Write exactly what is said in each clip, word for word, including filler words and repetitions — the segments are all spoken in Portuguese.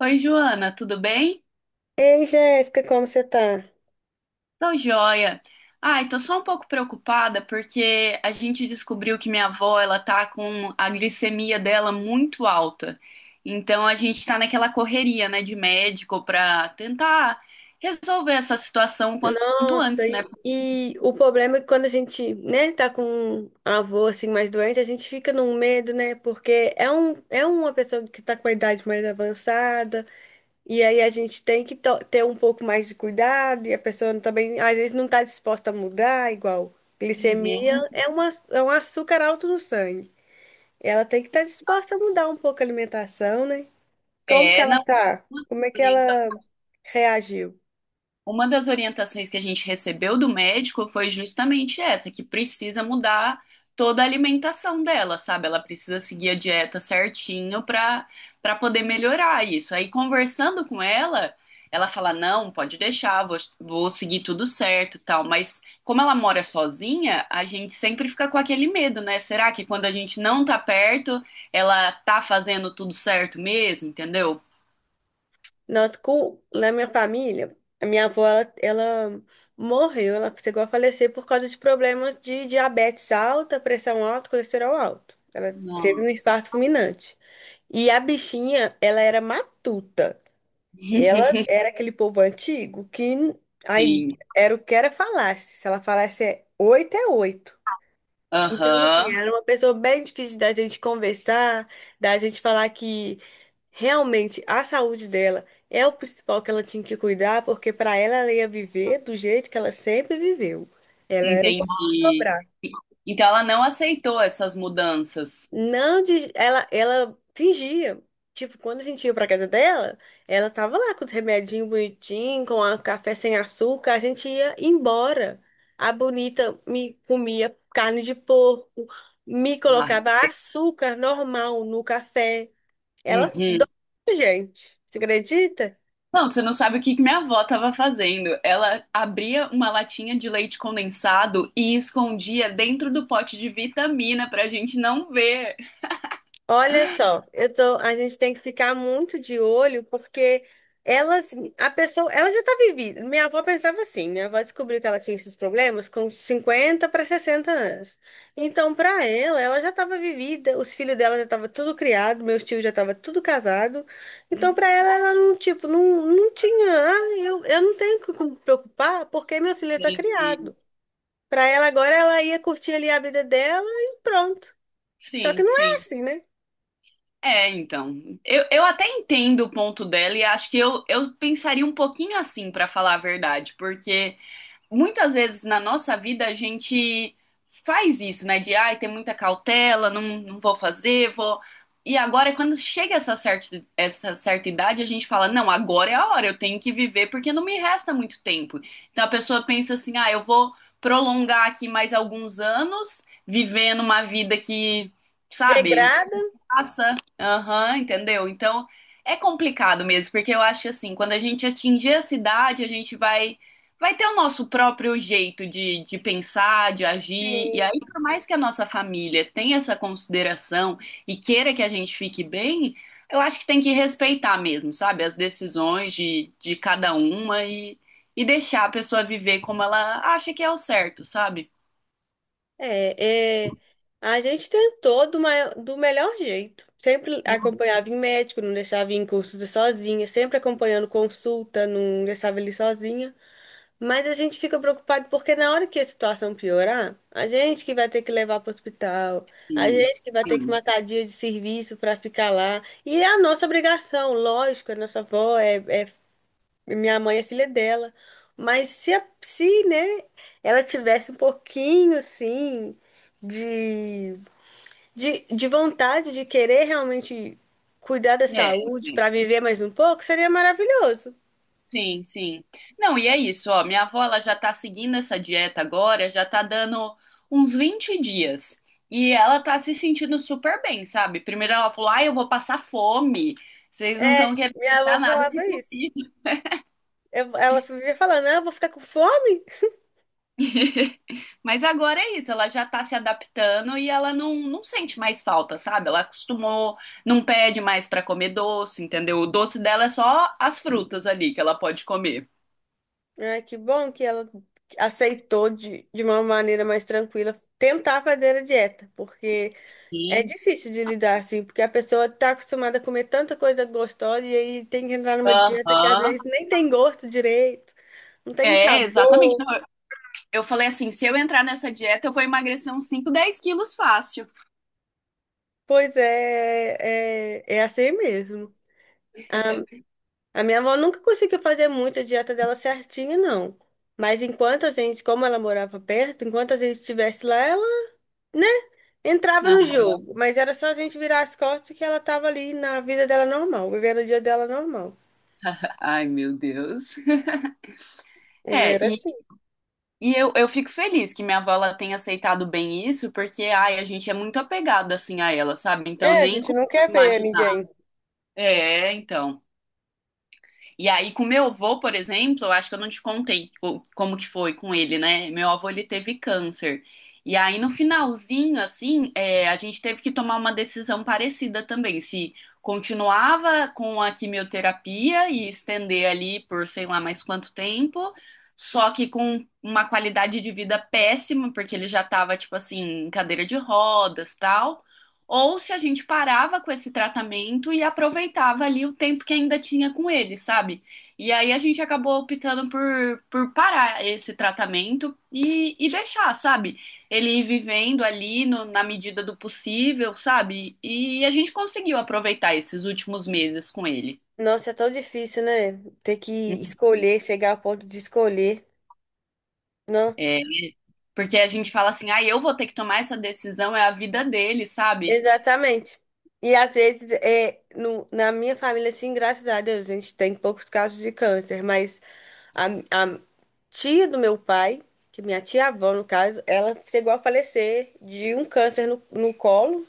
Oi, Joana, tudo bem? Ei, Jéssica, como você tá? Tô joia. Ai, tô só um pouco preocupada porque a gente descobriu que minha avó, ela tá com a glicemia dela muito alta. Então a gente tá naquela correria, né, de médico pra tentar resolver essa situação o quanto Nossa, antes, né? e, e o problema é que quando a gente, né, tá com um avô assim mais doente, a gente fica num medo, né? Porque é um, é uma pessoa que tá com a idade mais avançada, e aí a gente tem que to- ter um pouco mais de cuidado, e a pessoa também às vezes não tá disposta a mudar, igual Uhum. glicemia é uma, é um açúcar alto no sangue. Ela tem que estar disposta a mudar um pouco a alimentação, né? Como que É, ela não. tá? Como é que ela reagiu? Uma das orientações que a gente recebeu do médico foi justamente essa, que precisa mudar toda a alimentação dela, sabe? Ela precisa seguir a dieta certinho para para poder melhorar isso. Aí conversando com ela, ela fala: "Não, pode deixar, vou, vou seguir tudo certo, e tal". Mas como ela mora sozinha, a gente sempre fica com aquele medo, né? Será que quando a gente não tá perto, ela tá fazendo tudo certo mesmo, entendeu? Noto com, na minha família, a minha avó, ela, ela morreu, ela chegou a falecer por causa de problemas de diabetes alta, pressão alta, colesterol alto. Ela teve um Nossa. infarto fulminante. E a bichinha, ela era matuta. Ela era aquele povo antigo que aí Sim. era o que era falasse. Se ela falasse é oito, é oito. Então, assim, Aham. ela era uma pessoa bem difícil da gente conversar, da gente falar que realmente, a saúde dela é o principal que ela tinha que cuidar, porque para ela, ela ia viver do jeito que ela sempre viveu. Ela era um pouco Entendi. dobrar. Então ela não aceitou essas mudanças. Não, de- ela, ela fingia. Tipo, quando a gente ia pra casa dela, ela tava lá com os remedinhos bonitinhos, com a café sem açúcar, a gente ia embora. A bonita me comia carne de porco, me Ai, colocava açúcar normal no café. Ela dó, uhum. gente. Você acredita? Não, você não sabe o que que minha avó estava fazendo. Ela abria uma latinha de leite condensado e escondia dentro do pote de vitamina para a gente não ver. Olha só, eu tô, a gente tem que ficar muito de olho porque elas, a pessoa, ela já tá vivida. Minha avó pensava assim, minha avó descobriu que ela tinha esses problemas com cinquenta para sessenta anos. Então, para ela, ela já estava vivida, os filhos dela já estavam tudo criado, meus tios já estavam tudo casado. Então, para ela, ela não, tipo, não, não tinha, ah, eu, eu não tenho que me preocupar porque meu filho tá Entendi. criado. Para ela agora, ela ia curtir ali a vida dela e pronto. Só que Sim, não é sim. assim, né? É, então. Eu, eu até entendo o ponto dela e acho que eu, eu pensaria um pouquinho assim, para falar a verdade, porque muitas vezes na nossa vida a gente faz isso, né? De ai, tem muita cautela, não, não vou fazer, vou. E agora, quando chega essa certa, essa certa idade, a gente fala: não, agora é a hora, eu tenho que viver porque não me resta muito tempo. Então a pessoa pensa assim: ah, eu vou prolongar aqui mais alguns anos, vivendo uma vida que, sabe, Regrada. passa. Aham, entendeu? Então é complicado mesmo, porque eu acho assim, quando a gente atingir a cidade, a gente vai vai ter o nosso próprio jeito de, de pensar, de agir. E Sim, aí, por mais que a nossa família tenha essa consideração e queira que a gente fique bem, eu acho que tem que respeitar mesmo, sabe? As decisões de, de cada uma e, e deixar a pessoa viver como ela acha que é o certo, sabe? é, é, a gente tentou do, mai- do melhor jeito. Sempre Hum, acompanhava em médico, não deixava ir em consulta sozinha, sempre acompanhando consulta, não deixava ele sozinha. Mas a gente fica preocupado porque na hora que a situação piorar, a gente que vai ter que levar para o hospital, a gente que vai ter que sim. matar dia de serviço para ficar lá. E é a nossa obrigação, lógico, a nossa avó é, é minha mãe é filha dela. Mas se, a- se, né, ela tivesse um pouquinho, assim, de, de, de vontade de querer realmente cuidar da É. saúde para viver mais um pouco, seria maravilhoso. Sim, sim. Não, e é isso, ó. Minha avó, ela já tá seguindo essa dieta agora, já tá dando uns vinte dias. E ela tá se sentindo super bem, sabe? Primeiro ela falou, ai, eu vou passar fome. Vocês não É, estão querendo minha me avó dar nada de falava isso. comida. Eu- ela vivia falando, não, eu vou ficar com fome. Mas agora é isso, ela já tá se adaptando e ela não, não sente mais falta, sabe? Ela acostumou, não pede mais pra comer doce, entendeu? O doce dela é só as frutas ali que ela pode comer. Ai, que bom que ela aceitou de, de uma maneira mais tranquila tentar fazer a dieta, porque é Sim. difícil de lidar, assim, porque a pessoa tá acostumada a comer tanta coisa gostosa e aí tem que entrar numa dieta que às Aham. vezes nem tem gosto direito, não tem um É, exatamente. sabor. Não, eu falei assim, se eu entrar nessa dieta, eu vou emagrecer uns cinco, dez quilos fácil. Pois é, é, é assim mesmo. A minha avó nunca conseguiu fazer muito a dieta dela certinha, não. Mas enquanto a gente, como ela morava perto, enquanto a gente estivesse lá, ela, né, entrava Ah. no jogo. Mas era só a gente virar as costas que ela tava ali na vida dela normal, vivendo o dia dela normal. Ai, meu Deus. Ela É, era. e, e eu, eu fico feliz que minha avó ela tenha aceitado bem isso, porque, ai, a gente é muito apegado, assim, a ela, sabe? Então, eu É, a nem gente consigo não quer ver imaginar. ninguém. É, então. E aí, com meu avô, por exemplo, eu acho que eu não te contei co- como que foi com ele, né? Meu avô, ele teve câncer. E aí, no finalzinho, assim, é, a gente teve que tomar uma decisão parecida também. Se continuava com a quimioterapia e estender ali por sei lá mais quanto tempo, só que com uma qualidade de vida péssima, porque ele já tava, tipo assim, em cadeira de rodas, tal, ou se a gente parava com esse tratamento e aproveitava ali o tempo que ainda tinha com ele, sabe? E aí a gente acabou optando por, por parar esse tratamento e, e deixar, sabe? Ele ir vivendo ali no- na medida do possível, sabe? E a gente conseguiu aproveitar esses últimos meses com ele. Nossa, é tão difícil, né? Ter que escolher, chegar ao ponto de escolher. É, porque a gente fala assim, ah, eu vou ter que tomar essa decisão, é a vida dele, sabe? Exatamente. E às vezes, é, no, na minha família, assim, graças a Deus, a gente tem poucos casos de câncer, mas a, a tia do meu pai, que minha tia-avó, no caso, ela chegou a falecer de um câncer no, no colo.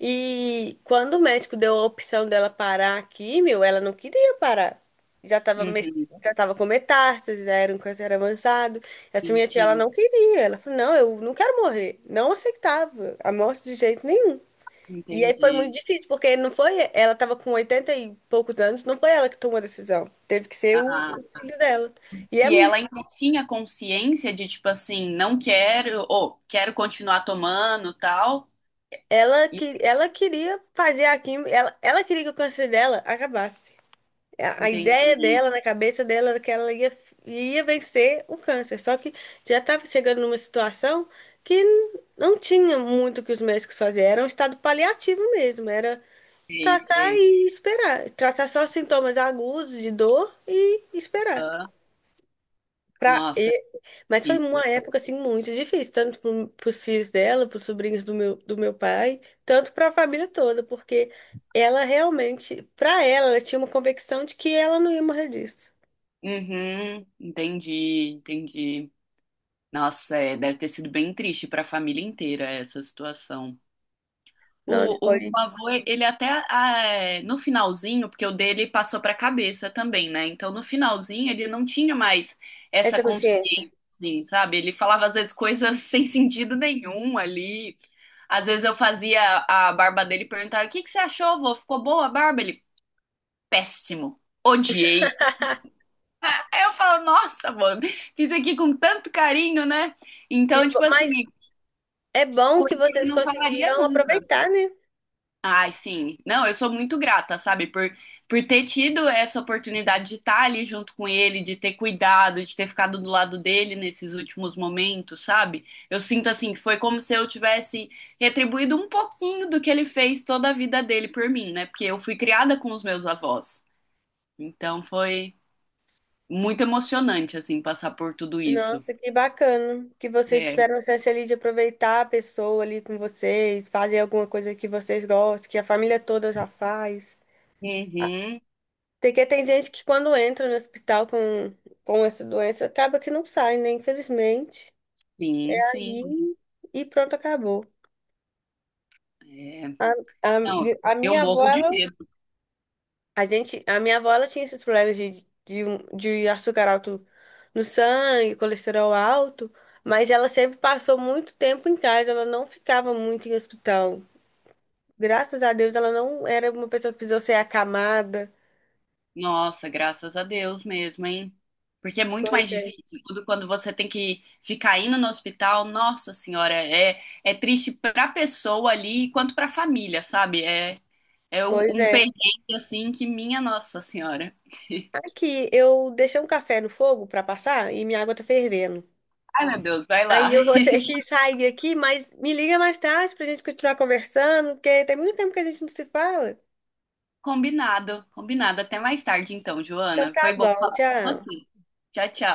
E quando o médico deu a opção dela parar a químio, ela não queria parar. Já estava, Uhum, já tava com metástase, já era um câncer avançado. Essa sim, minha tia, ela sim, não queria. Ela falou, não, eu não quero morrer. Não aceitava a morte de jeito nenhum. E aí foi muito entendi. difícil, porque não foi, ela tava com oitenta e poucos anos, não foi ela que tomou a decisão. Teve que ser o, Ah. o filho dela. E é, E mu- ela ainda tinha consciência de, tipo assim, não quero, ou quero continuar tomando, tal. ela E que ela queria fazer a quimio, ela, ela queria que o câncer dela acabasse. A, a ideia entendi, dela, na cabeça dela, era que ela ia, ia vencer o câncer. Só que já estava chegando numa situação que n- não tinha muito o que os médicos faziam. Era um estado paliativo mesmo, era sei, tratar sei. e esperar. Tratar só sintomas agudos de dor e esperar. Aham. Pra... Nossa, é e- Mas foi difícil. uma época assim muito difícil, tanto pro- pros filhos dela, pros sobrinhos do meu, do meu pai, tanto pra família toda, porque ela realmente, pra ela, ela tinha uma convicção de que ela não ia morrer disso. Uhum, entendi, entendi. Nossa, é, deve ter sido bem triste para a família inteira essa situação. Não O, o meu foi avô, ele até ah, é, no finalzinho, porque o dele passou para a cabeça também, né? Então no finalzinho ele não tinha mais essa essa consciência. consciência, assim, sabe? Ele falava às vezes coisas sem sentido nenhum ali. Às vezes eu fazia a barba dele e perguntava: O que que você achou, vô? Ficou boa a barba? Ele, péssimo, odiei. Aí eu falo: Nossa, mano, fiz aqui com tanto carinho, né? Que... Então, bo- tipo assim, Mas é bom que coisa que ele vocês não falaria conseguiram nunca. aproveitar, né? Ai, sim. Não, eu sou muito grata, sabe, por, por ter tido essa oportunidade de estar ali junto com ele, de ter cuidado, de ter ficado do lado dele nesses últimos momentos, sabe? Eu sinto assim que foi como se eu tivesse retribuído um pouquinho do que ele fez toda a vida dele por mim, né? Porque eu fui criada com os meus avós. Então foi muito emocionante, assim, passar por tudo isso. Nossa, que bacana que vocês É. tiveram a chance ali de aproveitar a pessoa ali com vocês, fazer alguma coisa que vocês gostem, que a família toda já faz. Uhum. Porque tem gente que quando entra no hospital com, com essa doença, acaba que não sai, né? Infelizmente. Sim, sim. Ali e pronto, acabou. É. A, a, Não, a eu minha avó, morro de ela, medo. a gente, a minha avó, ela tinha esses problemas de, de, um- de açúcar alto no sangue, colesterol alto, mas ela sempre passou muito tempo em casa, ela não ficava muito em hospital. Graças a Deus, ela não era uma pessoa que precisou ser acamada. Nossa, graças a Deus mesmo, hein? Porque é muito Pois mais é. difícil. Tudo quando você tem que ficar indo no hospital, nossa senhora, é, é triste pra pessoa ali quanto pra família, sabe? É, é u- Pois um é. perrengue assim que minha nossa senhora. Aqui, eu deixei um café no fogo pra passar e minha água tá fervendo. Ai, meu Deus, vai lá. Aí eu vou ter que sair aqui, mas me liga mais tarde pra gente continuar conversando, porque tem muito tempo que a gente não se fala. Combinado, combinado. Até mais tarde então, Então Joana. tá Foi bom bom, falar com tchau. você. Tchau, tchau.